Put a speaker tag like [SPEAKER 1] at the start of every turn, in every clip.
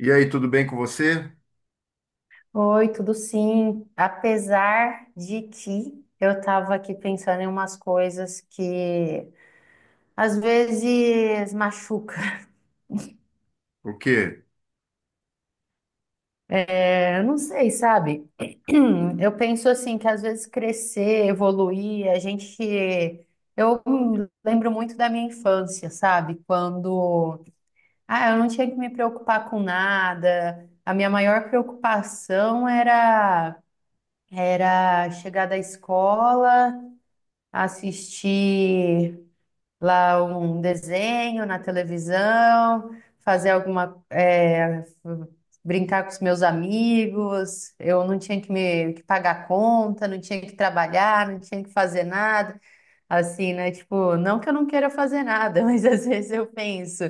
[SPEAKER 1] E aí, tudo bem com você?
[SPEAKER 2] Oi, tudo sim. Apesar de que eu estava aqui pensando em umas coisas que às vezes machuca.
[SPEAKER 1] O quê?
[SPEAKER 2] É, eu não sei, sabe? Eu penso assim que às vezes crescer, evoluir, a gente. Eu lembro muito da minha infância, sabe? Quando ah, eu não tinha que me preocupar com nada. A minha maior preocupação era chegar da escola, assistir lá um desenho na televisão, fazer alguma, é, brincar com os meus amigos. Eu não tinha que me que pagar conta, não tinha que trabalhar, não tinha que fazer nada. Assim, né? Tipo, não que eu não queira fazer nada, mas às vezes eu penso,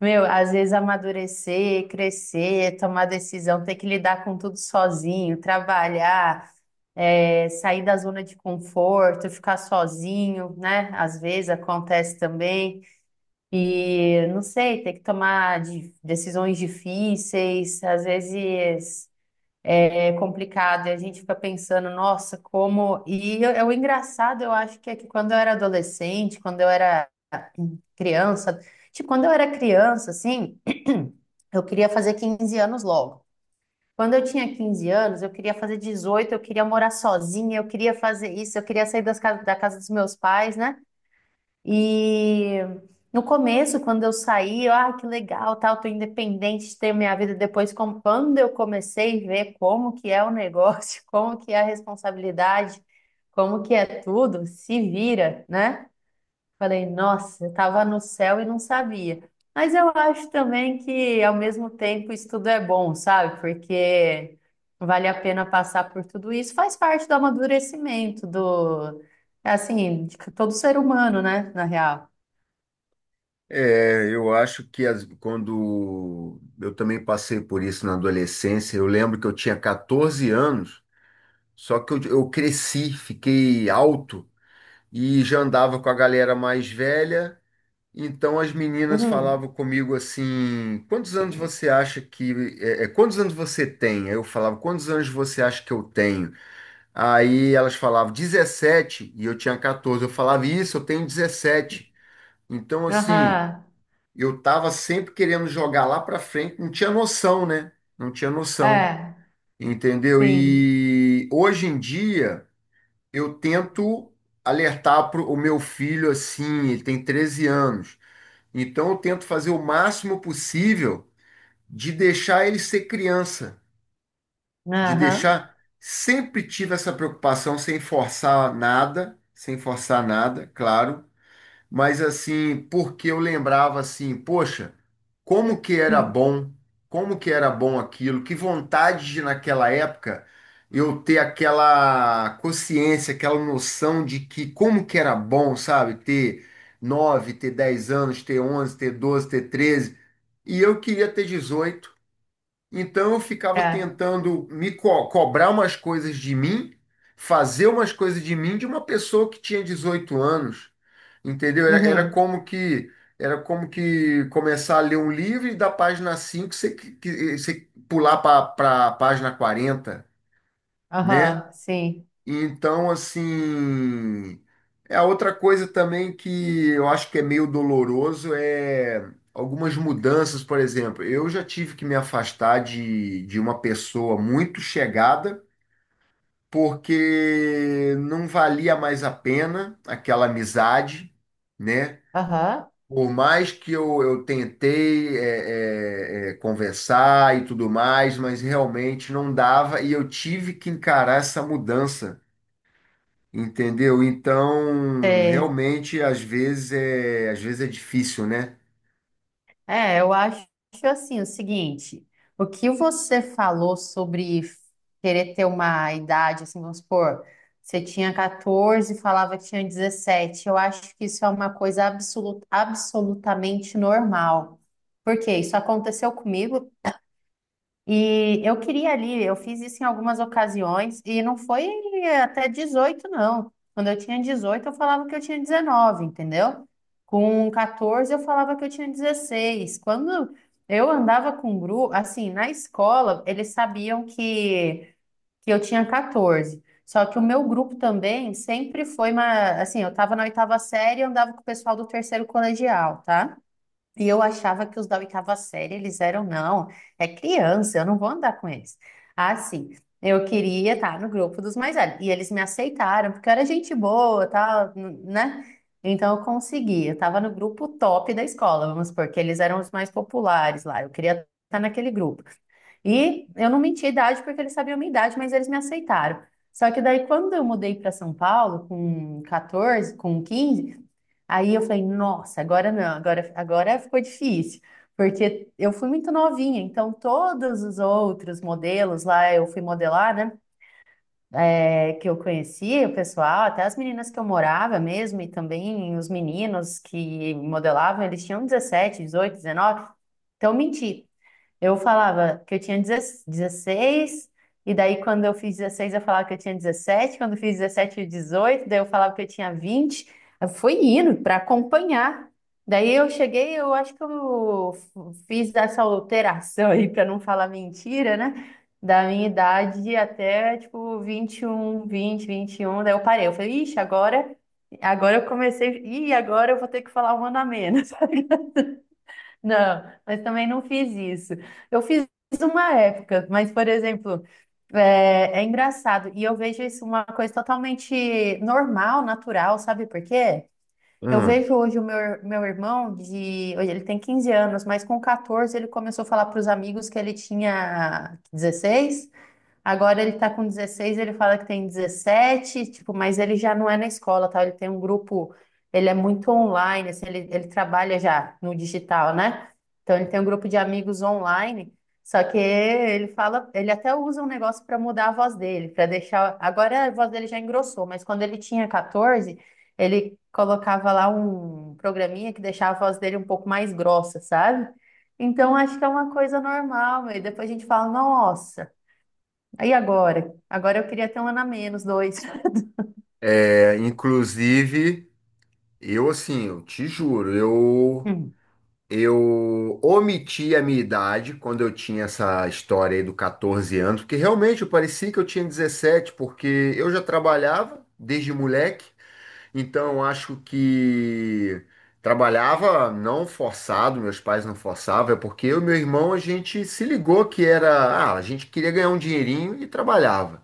[SPEAKER 2] meu, às vezes amadurecer, crescer, tomar decisão, ter que lidar com tudo sozinho, trabalhar é, sair da zona de conforto, ficar sozinho, né? Às vezes acontece também. E não sei, ter que tomar decisões difíceis, às vezes é complicado, e a gente fica pensando, nossa, como. É o engraçado, eu acho que é que quando eu era adolescente, quando eu era criança, tipo, quando eu era criança, assim, eu queria fazer 15 anos logo. Quando eu tinha 15 anos, eu queria fazer 18, eu queria morar sozinha, eu queria fazer isso, eu queria sair da casa dos meus pais, né? E no começo, quando eu saí, eu, ah, que legal, tal, tô independente, tenho minha vida. Depois, quando eu comecei a ver como que é o negócio, como que é a responsabilidade, como que é tudo, se vira, né? Falei, nossa, eu estava no céu e não sabia. Mas eu acho também que, ao mesmo tempo, isso tudo é bom, sabe? Porque vale a pena passar por tudo isso. Faz parte do amadurecimento do, assim, de todo ser humano, né? Na real.
[SPEAKER 1] É, eu acho que quando eu também passei por isso na adolescência, eu lembro que eu tinha 14 anos, só que eu cresci, fiquei alto e já andava com a galera mais velha. Então as meninas
[SPEAKER 2] Uhum.
[SPEAKER 1] falavam comigo assim: quantos anos você acha que. Quantos anos você tem? Aí eu falava: quantos anos você acha que eu tenho? Aí elas falavam 17 e eu tinha 14. Eu falava: isso, eu tenho 17. Então, assim,
[SPEAKER 2] Aham.
[SPEAKER 1] eu tava sempre querendo jogar lá para frente, não tinha noção, né? Não tinha noção,
[SPEAKER 2] É,
[SPEAKER 1] entendeu?
[SPEAKER 2] sim.
[SPEAKER 1] E hoje em dia eu tento alertar pro o meu filho assim, ele tem 13 anos. Então eu tento fazer o máximo possível de deixar ele ser criança, de
[SPEAKER 2] Aham.
[SPEAKER 1] deixar. Sempre tive essa preocupação, sem forçar nada, sem forçar nada, claro, mas assim, porque eu lembrava assim, poxa, como que era bom, como que era bom aquilo, que vontade de, naquela época, eu ter aquela consciência, aquela noção de que como que era bom, sabe, ter nove, ter 10 anos, ter 11, ter 12, ter 13, e eu queria ter 18. Então eu ficava
[SPEAKER 2] É.
[SPEAKER 1] tentando cobrar umas coisas de mim, fazer umas coisas de mim, de uma pessoa que tinha 18 anos, entendeu? Era, era
[SPEAKER 2] Uhum.
[SPEAKER 1] como que, era como que começar a ler um livro e da página 5 você, você pular para a página 40, né?
[SPEAKER 2] Aham, sim.
[SPEAKER 1] Então, assim, é a outra coisa também que eu acho que é meio doloroso, é algumas mudanças, por exemplo. Eu já tive que me afastar de uma pessoa muito chegada, porque não valia mais a pena aquela amizade, né?
[SPEAKER 2] Aham.
[SPEAKER 1] Por mais que eu tentei conversar e tudo mais, mas realmente não dava, e eu tive que encarar essa mudança. Entendeu? Então,
[SPEAKER 2] Sei.
[SPEAKER 1] realmente, às vezes é difícil, né?
[SPEAKER 2] É, eu acho assim o seguinte, o que você falou sobre querer ter uma idade, assim, vamos supor, você tinha 14 e falava que tinha 17, eu acho que isso é uma coisa absolutamente normal. Porque isso aconteceu comigo, e eu queria ali, eu fiz isso em algumas ocasiões, e não foi até 18 não. Quando eu tinha 18, eu falava que eu tinha 19, entendeu? Com 14, eu falava que eu tinha 16. Quando eu andava com grupo, assim, na escola, eles sabiam que eu tinha 14. Só que o meu grupo também sempre foi uma, assim, eu estava na oitava série e andava com o pessoal do terceiro colegial, tá? E eu achava que os da oitava série, eles eram, não, é criança, eu não vou andar com eles. Ah, sim, eu queria estar no grupo dos mais velhos. E eles me aceitaram, porque eu era gente boa, tal, né? Então eu consegui, eu estava no grupo top da escola, vamos supor, que eles eram os mais populares lá, eu queria estar naquele grupo. E eu não menti a idade porque eles sabiam a minha idade, mas eles me aceitaram. Só que daí, quando eu mudei para São Paulo, com 14, com 15. Aí eu falei, nossa, agora não, agora ficou difícil, porque eu fui muito novinha, então todos os outros modelos lá, eu fui modelar, né? É, que eu conhecia o pessoal, até as meninas que eu morava mesmo, e também os meninos que modelavam, eles tinham 17, 18, 19, então eu menti. Eu falava que eu tinha 16 e daí quando eu fiz 16 eu falava que eu tinha 17. Quando eu fiz 17 e 18 daí eu falava que eu tinha 20. Eu fui indo para acompanhar. Daí eu cheguei, eu acho que eu fiz essa alteração aí para não falar mentira, né? Da minha idade até tipo 21, vinte, 20, um, daí eu parei. Eu falei, ixi, agora, agora eu comecei, e agora eu vou ter que falar um ano a menos. Não, mas também não fiz isso. Eu fiz uma época, mas, por exemplo, é, é engraçado. E eu vejo isso uma coisa totalmente normal, natural, sabe por quê? Eu
[SPEAKER 1] Hum.
[SPEAKER 2] vejo hoje o meu, meu irmão de. Hoje ele tem 15 anos, mas com 14 ele começou a falar para os amigos que ele tinha 16. Agora ele tá com 16, ele fala que tem 17, tipo, mas ele já não é na escola, tá? Ele tem um grupo, ele é muito online, assim, ele trabalha já no digital, né? Então ele tem um grupo de amigos online, só que ele fala, ele até usa um negócio para mudar a voz dele, para deixar. Agora a voz dele já engrossou, mas quando ele tinha 14, ele colocava lá um programinha que deixava a voz dele um pouco mais grossa, sabe? Então acho que é uma coisa normal, e depois a gente fala, nossa. Aí agora? Agora eu queria ter um ano a menos, dois.
[SPEAKER 1] É, inclusive, eu assim, eu te juro, eu
[SPEAKER 2] Hum.
[SPEAKER 1] eu omiti a minha idade quando eu tinha essa história aí do 14 anos, porque realmente eu parecia que eu tinha 17, porque eu já trabalhava desde moleque. Então, eu acho que trabalhava não forçado, meus pais não forçavam, é porque eu e meu irmão, a gente se ligou que era, ah, a gente queria ganhar um dinheirinho e trabalhava.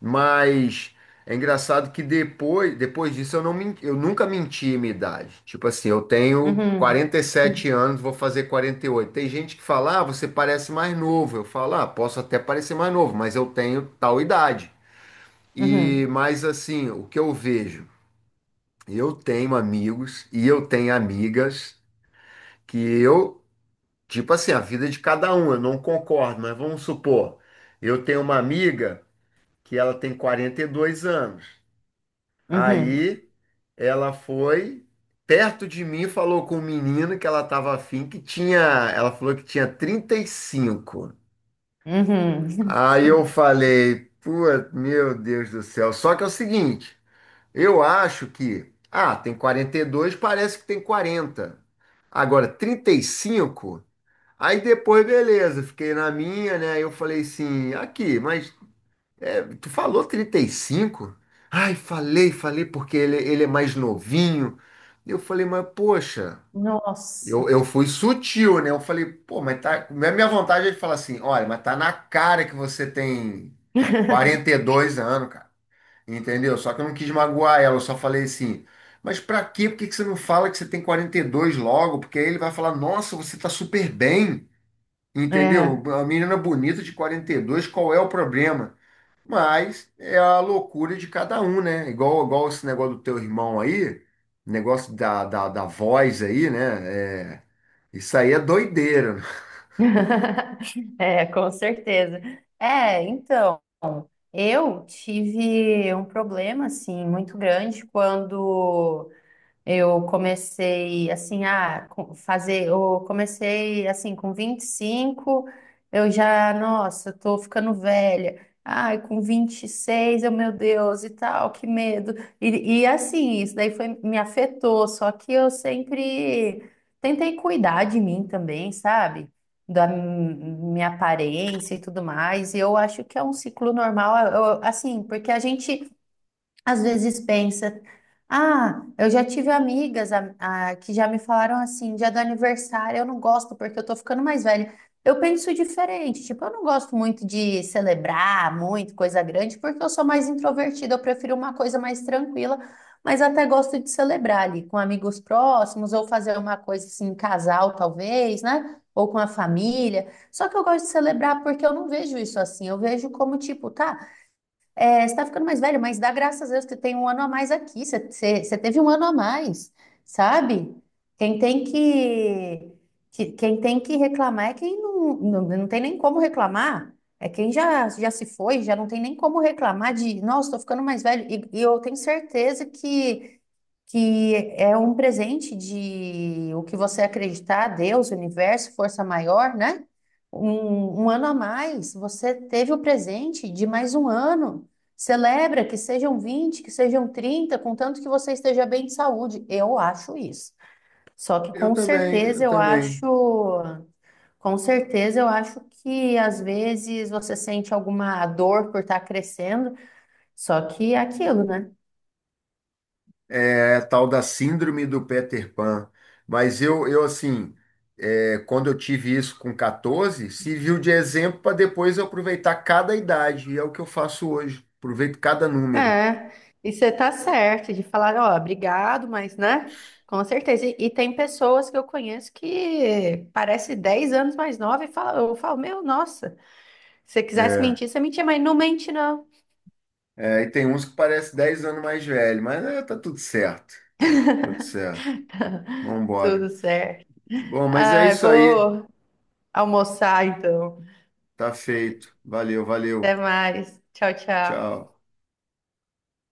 [SPEAKER 1] Mas é engraçado que depois disso eu não, eu nunca menti a minha idade. Tipo assim, eu tenho
[SPEAKER 2] Uhum.
[SPEAKER 1] quarenta e
[SPEAKER 2] Uhum.
[SPEAKER 1] sete anos, vou fazer 48. Tem gente que fala, ah, você parece mais novo. Eu falo, ah, posso até parecer mais novo, mas eu tenho tal idade. E
[SPEAKER 2] Uhum.
[SPEAKER 1] mais assim, o que eu vejo? Eu tenho amigos e eu tenho amigas que eu, tipo assim, a vida de cada um, eu não concordo, mas vamos supor, eu tenho uma amiga que ela tem 42 anos.
[SPEAKER 2] Uhum.
[SPEAKER 1] Aí ela foi, perto de mim, e falou com um menino que ela estava afim, que tinha, ela falou que tinha 35.
[SPEAKER 2] Uhum.
[SPEAKER 1] Aí eu falei, pô, meu Deus do céu. Só que é o seguinte, eu acho que, ah, tem 42, parece que tem 40. Agora, 35, aí depois, beleza, fiquei na minha, né? Aí eu falei assim, aqui, mas é, tu falou 35. Ai, falei, falei, porque ele é mais novinho. Eu falei, mas poxa,
[SPEAKER 2] Nossa.
[SPEAKER 1] eu fui sutil, né? Eu falei, pô, mas tá. Minha vontade é de falar assim, olha, mas tá na cara que você tem quarenta e dois anos, cara. Entendeu? Só que eu não quis magoar ela, eu só falei assim, mas pra quê? Por que que você não fala que você tem 42 logo? Porque aí ele vai falar, nossa, você tá super bem, entendeu?
[SPEAKER 2] É.
[SPEAKER 1] A menina é bonita de 42, qual é o problema? Mas é a loucura de cada um, né? Igual esse negócio do teu irmão aí, negócio da voz aí, né? É, isso aí é doideira.
[SPEAKER 2] É, com certeza. É, então, eu tive um problema, assim, muito grande quando Eu comecei assim com 25, eu já, nossa, eu tô ficando velha. Ai, com 26, eu, meu Deus, e tal, que medo. E assim, isso daí foi, me afetou, só que eu sempre tentei cuidar de mim também, sabe? Da minha aparência e tudo mais. E eu acho que é um ciclo normal, assim, porque a gente às vezes pensa, ah, eu já tive amigas que já me falaram assim, dia do aniversário, eu não gosto porque eu tô ficando mais velha. Eu penso diferente, tipo, eu não gosto muito de celebrar muito, coisa grande, porque eu sou mais introvertida, eu prefiro uma coisa mais tranquila, mas até gosto de celebrar ali com amigos próximos, ou fazer uma coisa assim, em casal talvez, né? Ou com a família. Só que eu gosto de celebrar porque eu não vejo isso assim, eu vejo como tipo, tá. É, você está ficando mais velho, mas dá graças a Deus que tem um ano a mais aqui. Você teve um ano a mais, sabe? Quem tem quem tem que reclamar é quem não, não, não tem nem como reclamar. É quem já, já se foi, já não tem nem como reclamar de, nossa, estou ficando mais velho. E eu tenho certeza que é um presente de o que você acreditar, Deus, universo, força maior, né? Um ano a mais, você teve o presente de mais um ano. Celebra que sejam 20 que sejam 30 contanto que você esteja bem de saúde. Eu acho isso. Só que
[SPEAKER 1] Eu
[SPEAKER 2] com
[SPEAKER 1] também,
[SPEAKER 2] certeza
[SPEAKER 1] eu
[SPEAKER 2] eu
[SPEAKER 1] também.
[SPEAKER 2] acho, com certeza eu acho que às vezes você sente alguma dor por estar crescendo, só que é aquilo, né?
[SPEAKER 1] É, tal da síndrome do Peter Pan. Mas eu assim, é, quando eu tive isso com 14, serviu de exemplo para depois eu aproveitar cada idade. E é o que eu faço hoje. Aproveito cada número.
[SPEAKER 2] É, e você tá certo de falar, ó, obrigado, mas, né? Com certeza. E tem pessoas que eu conheço que parece 10 anos mais nova e fala, eu falo, meu, nossa, se você quisesse
[SPEAKER 1] É.
[SPEAKER 2] mentir, você mentia, mas não mente, não.
[SPEAKER 1] É, e tem uns que parece 10 anos mais velho, mas é, tá tudo certo. Tudo certo. Vambora.
[SPEAKER 2] Tudo certo.
[SPEAKER 1] Bom, mas é
[SPEAKER 2] Ah, eu
[SPEAKER 1] isso aí.
[SPEAKER 2] vou almoçar, então.
[SPEAKER 1] Tá feito. Valeu,
[SPEAKER 2] Até
[SPEAKER 1] valeu.
[SPEAKER 2] mais. Tchau, tchau.
[SPEAKER 1] Tchau.